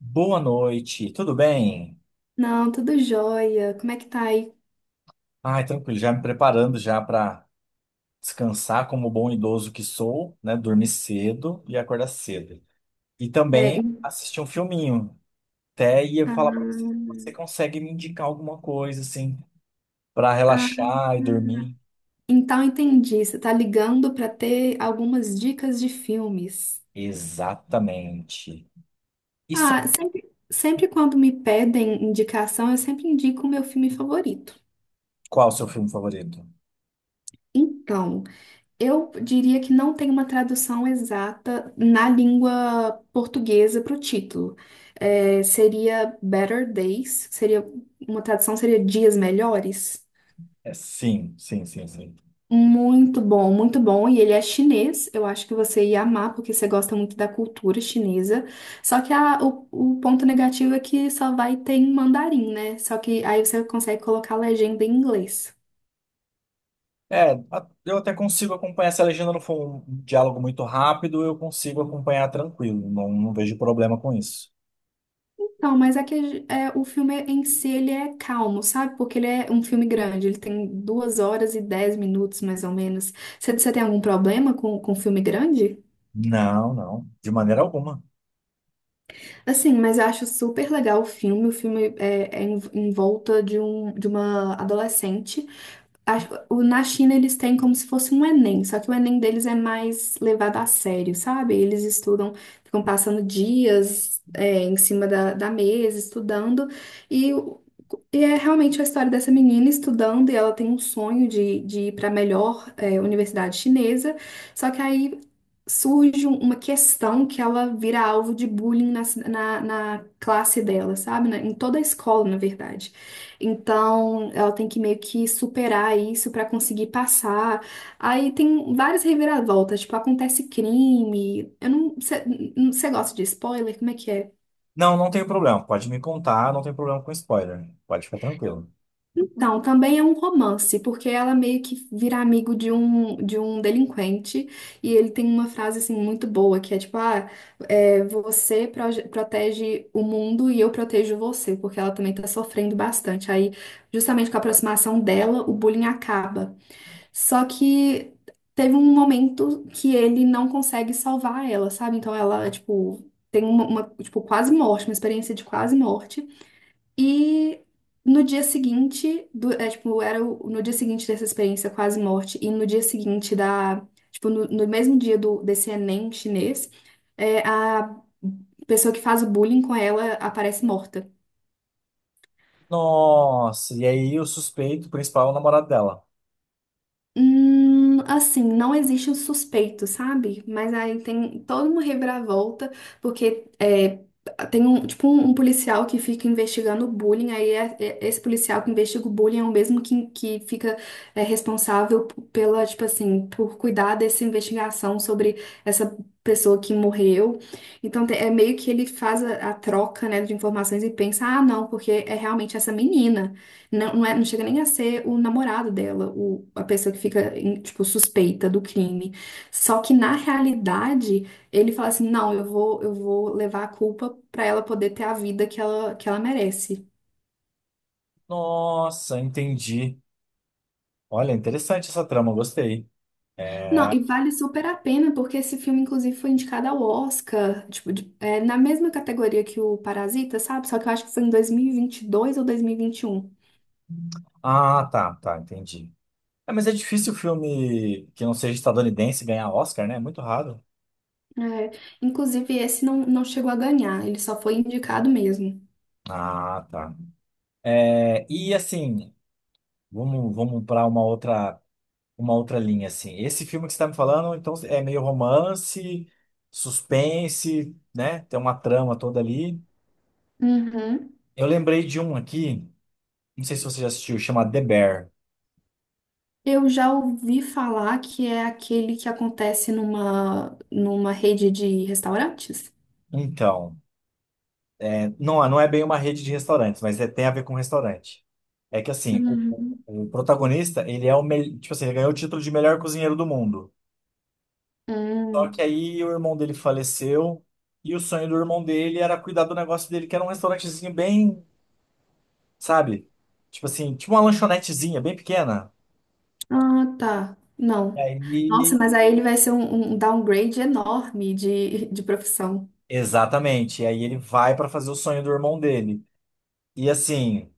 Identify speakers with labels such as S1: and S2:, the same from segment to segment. S1: Boa noite, tudo bem?
S2: Não, tudo jóia. Como é que tá aí?
S1: Ai, tranquilo, já me preparando já para descansar como bom idoso que sou, né? Dormir cedo e acordar cedo. E
S2: É,
S1: também
S2: em-
S1: assistir um filminho. Até ia falar para você,
S2: ah,
S1: você consegue me indicar alguma coisa assim para
S2: ah,
S1: relaxar e dormir?
S2: então entendi. Você tá ligando para ter algumas dicas de filmes.
S1: Exatamente. E só
S2: Ah, sempre quando me pedem indicação, eu sempre indico o meu filme favorito.
S1: qual o seu filme favorito?
S2: Então, eu diria que não tem uma tradução exata na língua portuguesa para o título. É, seria Better Days, seria uma tradução seria Dias Melhores.
S1: É, sim, sim, sim, sim.
S2: Muito bom, muito bom. E ele é chinês. Eu acho que você ia amar, porque você gosta muito da cultura chinesa. Só que o ponto negativo é que só vai ter em mandarim, né? Só que aí você consegue colocar a legenda em inglês.
S1: É, eu até consigo acompanhar. Se a legenda não for um diálogo muito rápido, eu consigo acompanhar tranquilo. Não vejo problema com isso.
S2: Então, o filme em si ele é calmo, sabe? Porque ele é um filme grande, ele tem duas horas e dez minutos, mais ou menos. Você tem algum problema com filme grande?
S1: Não, não, de maneira alguma.
S2: Assim, mas eu acho super legal o filme. O filme é em volta de, um, de uma adolescente. Na China eles têm como se fosse um Enem, só que o Enem deles é mais levado a sério, sabe? Eles estudam, ficam passando dias, em cima da, da mesa, estudando, e, o- e é realmente a história dessa menina estudando, e ela tem um sonho de ir para a melhor, universidade chinesa, só que aí surge uma questão que ela vira alvo de bullying na na classe dela, sabe? Em toda a escola, na verdade. Então, ela tem que meio que superar isso pra conseguir passar. Aí tem várias reviravoltas, tipo, acontece crime. Eu não, você gosta de spoiler? Como é que é?
S1: Não, não tem problema. Pode me contar, não tem problema com spoiler. Pode ficar tranquilo.
S2: Não, também é um romance, porque ela meio que vira amigo de um delinquente, e ele tem uma frase assim muito boa, que é tipo, ah, é, você protege o mundo e eu protejo você, porque ela também tá sofrendo bastante. Aí, justamente com a aproximação dela, o bullying acaba. Só que teve um momento que ele não consegue salvar ela, sabe? Então ela, tipo, tem tipo, quase morte, uma experiência de quase morte. E no dia seguinte, é, tipo, no dia seguinte dessa experiência quase morte, e no dia seguinte da, tipo, no mesmo dia do, desse Enem chinês, a pessoa que faz o bullying com ela aparece morta.
S1: Nossa, e aí o suspeito principal é o namorado dela.
S2: Assim, não existe um suspeito, sabe? Mas aí tem toda uma reviravolta, porque é, tem um, tipo, um policial que fica investigando o bullying, aí esse policial que investiga o bullying é o mesmo que fica responsável pela, tipo assim, por cuidar dessa investigação sobre essa pessoa que morreu. Então é meio que ele faz a troca, né, de informações e pensa, ah, não, porque é realmente essa menina. Não, não, é, não chega nem a ser o namorado dela, o, a pessoa que fica, em, tipo, suspeita do crime. Só que, na realidade, ele fala assim, não, eu vou levar a culpa pra ela poder ter a vida que ela merece.
S1: Nossa, entendi. Olha, interessante essa trama, gostei.
S2: Não,
S1: É.
S2: e vale super a pena, porque esse filme, inclusive, foi indicado ao Oscar, tipo, é, na mesma categoria que o Parasita, sabe? Só que eu acho que foi em dois mil e vinte e dois ou 2021.
S1: Ah, tá, tá, entendi. É, mas é difícil o filme que não seja estadunidense ganhar Oscar, né? É muito raro.
S2: É, inclusive, esse não, não chegou a ganhar, ele só foi indicado mesmo.
S1: Ah, tá. É, e assim, vamos para uma outra linha assim. Esse filme que você está me falando, então é meio romance, suspense, né? Tem uma trama toda ali.
S2: Uhum.
S1: Eu lembrei de um aqui, não sei se você já assistiu, chama The Bear.
S2: Eu já ouvi falar que é aquele que acontece numa, numa rede de restaurantes?
S1: Então, é, não é bem uma rede de restaurantes, mas tem a ver com restaurante. É que assim, o,
S2: Uhum.
S1: o protagonista, ele é o melhor, tipo assim, ele ganhou o título de melhor cozinheiro do mundo. Só que
S2: Hum.
S1: aí o irmão dele faleceu e o sonho do irmão dele era cuidar do negócio dele, que era um restaurantezinho bem, sabe? Tipo assim, tipo uma lanchonetezinha bem pequena.
S2: Ah, tá.
S1: E
S2: Não.
S1: aí,
S2: Nossa, mas aí ele vai ser um, um downgrade enorme de profissão.
S1: exatamente. E aí ele vai pra fazer o sonho do irmão dele. E assim,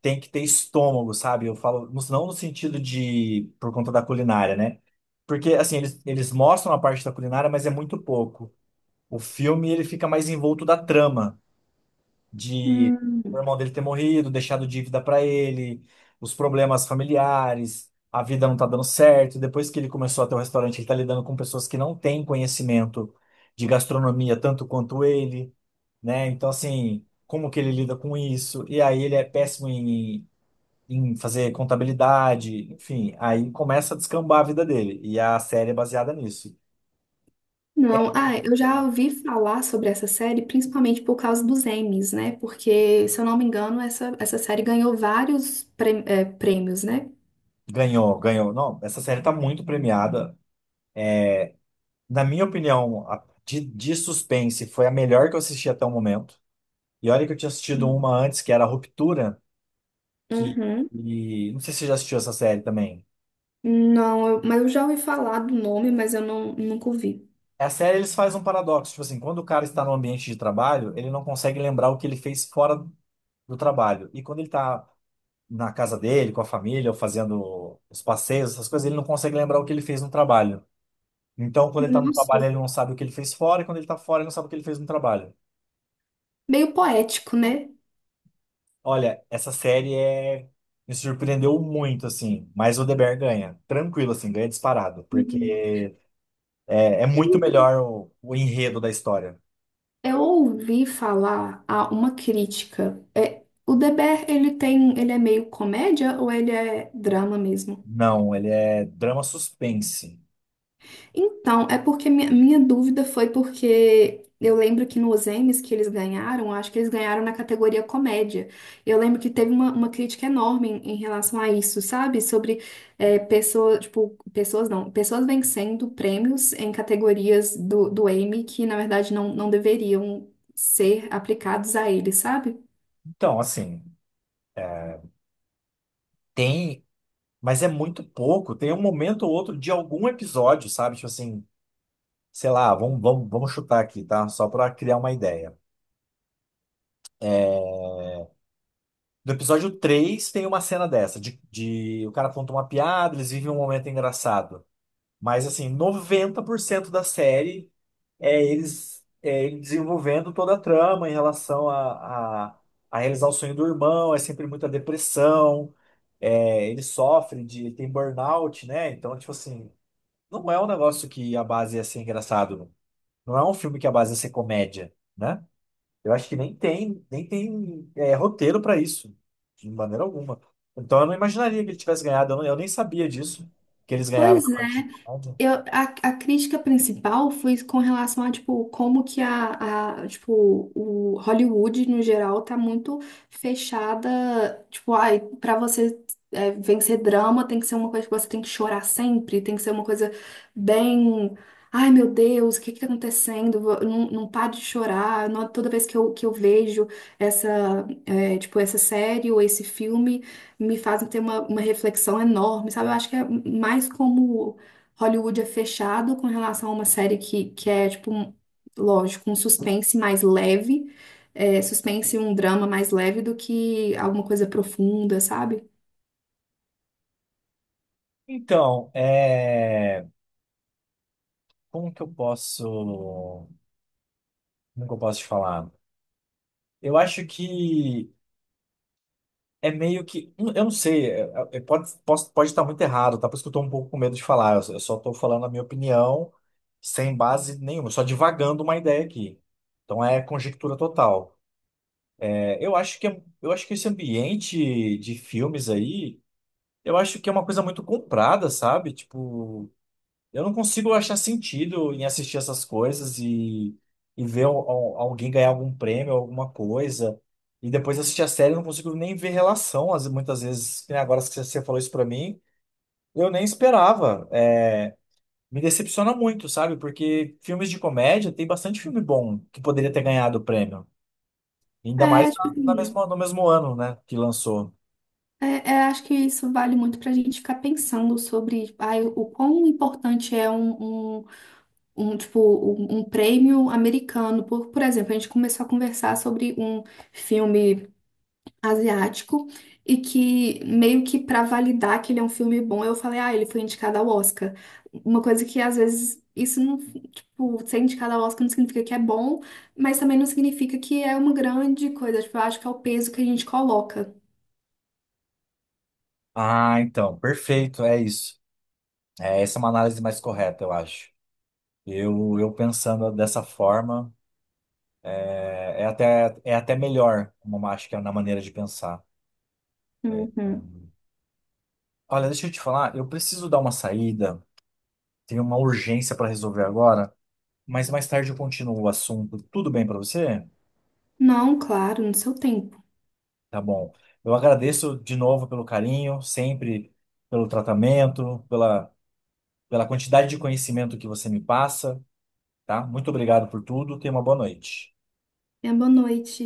S1: tem que ter estômago, sabe? Eu falo, não no sentido de por conta da culinária, né? Porque assim, eles mostram a parte da culinária, mas é muito pouco. O filme ele fica mais envolto da trama de o
S2: Hum.
S1: irmão dele ter morrido, deixado dívida para ele, os problemas familiares, a vida não tá dando certo. Depois que ele começou a ter o restaurante, ele tá lidando com pessoas que não têm conhecimento de gastronomia tanto quanto ele, né? Então, assim, como que ele lida com isso? E aí ele é péssimo em fazer contabilidade, enfim, aí começa a descambar a vida dele. E a série é baseada nisso.
S2: Não, ah, eu já ouvi falar sobre essa série principalmente por causa dos Emmys, né? Porque, se eu não me engano, essa série ganhou vários prêmios, né?
S1: Ganhou, ganhou. Não, essa série tá muito premiada. Na minha opinião, de suspense foi a melhor que eu assisti até o momento. E olha que eu tinha assistido uma antes, que era Ruptura, que.
S2: Uhum.
S1: E, não sei se você já assistiu essa série também.
S2: Não, mas eu já ouvi falar do nome, mas eu não, nunca ouvi.
S1: A série eles fazem um paradoxo, tipo assim, quando o cara está no ambiente de trabalho, ele não consegue lembrar o que ele fez fora do trabalho. E quando ele está na casa dele, com a família, ou fazendo os passeios, essas coisas, ele não consegue lembrar o que ele fez no trabalho. Então, quando ele está no
S2: Nossa,
S1: trabalho, ele não sabe o que ele fez fora, e quando ele está fora, ele não sabe o que ele fez no trabalho.
S2: meio poético, né?
S1: Olha, essa série é... me surpreendeu muito, assim. Mas o The Bear ganha. Tranquilo, assim, ganha disparado.
S2: Uhum.
S1: Porque é, é
S2: Eu,
S1: muito melhor o enredo da história.
S2: eu ouvi falar a uma crítica. É, o Deber, ele tem, ele é meio comédia ou ele é drama mesmo?
S1: Não, ele é drama suspense.
S2: Então, é porque minha dúvida foi porque eu lembro que nos Emmys que eles ganharam, acho que eles ganharam na categoria comédia. Eu lembro que teve uma crítica enorme em, em relação a isso, sabe? Sobre pessoas, tipo, pessoas não, pessoas vencendo prêmios em categorias do, do Emmy que, na verdade, não, não deveriam ser aplicados a eles, sabe?
S1: Então, assim, tem. Mas é muito pouco. Tem um momento ou outro de algum episódio, sabe? Tipo assim, sei lá, vamos chutar aqui, tá? Só pra criar uma ideia. No episódio 3 tem uma cena dessa, de o cara conta uma piada, eles vivem um momento engraçado. Mas assim, 90% da série é eles é ele desenvolvendo toda a trama em relação a realizar o sonho do irmão, é sempre muita depressão, é, ele tem burnout, né? Então, tipo assim, não é um negócio que a base ia ser engraçado, não Não é um filme que a base ia ser comédia, né? Eu acho que nem tem é, roteiro para isso, de maneira alguma. Então eu não imaginaria que ele tivesse ganhado, eu nem sabia disso, que eles ganharam
S2: Pois
S1: na parte
S2: é.
S1: de.
S2: A crítica principal foi com relação a, tipo, como que a, tipo, o Hollywood, no geral, tá muito fechada, tipo, ai, pra você vencer drama tem que ser uma coisa que você tem que chorar sempre, tem que ser uma coisa bem, ai, meu Deus, o que que tá acontecendo? Não, não para de chorar. Toda vez que eu vejo essa, é, tipo, essa série ou esse filme, me fazem ter uma reflexão enorme, sabe? Eu acho que é mais como Hollywood é fechado com relação a uma série que é, tipo, lógico, um suspense mais leve, é, suspense e um drama mais leve do que alguma coisa profunda, sabe?
S1: Então, é, como que eu posso. Como que eu posso te falar? Eu acho que é meio que. Eu não sei, é, pode estar muito errado, tá? Por isso que eu tô um pouco com medo de falar. Eu só tô falando a minha opinião sem base nenhuma, só divagando uma ideia aqui. Então é conjectura total. É, eu acho que, eu acho que esse ambiente de filmes aí, eu acho que é uma coisa muito comprada, sabe? Tipo. Eu não consigo achar sentido em assistir essas coisas e ver alguém ganhar algum prêmio, alguma coisa. E depois assistir a série, eu não consigo nem ver relação. Muitas vezes, que nem agora que você falou isso pra mim, eu nem esperava. É, me decepciona muito, sabe? Porque filmes de comédia, tem bastante filme bom que poderia ter ganhado o prêmio. Ainda
S2: É,
S1: mais
S2: tipo
S1: na
S2: assim,
S1: mesma, no mesmo ano, né, que lançou.
S2: acho que isso vale muito pra gente ficar pensando sobre ai, o quão importante é um, um, um, tipo, um prêmio americano. Por exemplo, a gente começou a conversar sobre um filme. Asiático e que meio que pra validar que ele é um filme bom, eu falei, ah, ele foi indicado ao Oscar. Uma coisa que às vezes isso não, tipo, ser indicado ao Oscar não significa que é bom, mas também não significa que é uma grande coisa. Tipo, eu acho que é o peso que a gente coloca.
S1: Ah, então, perfeito, é isso. É, essa é uma análise mais correta, eu acho. Eu pensando dessa forma. É até melhor, como acho que é na maneira de pensar. É.
S2: Uhum.
S1: Olha, deixa eu te falar, eu preciso dar uma saída, tenho uma urgência para resolver agora, mas mais tarde eu continuo o assunto. Tudo bem para você?
S2: Não, claro, no seu tempo.
S1: Tá bom. Eu agradeço de novo pelo carinho, sempre pelo tratamento, pela, pela quantidade de conhecimento que você me passa, tá? Muito obrigado por tudo, tenha uma boa noite.
S2: É boa noite.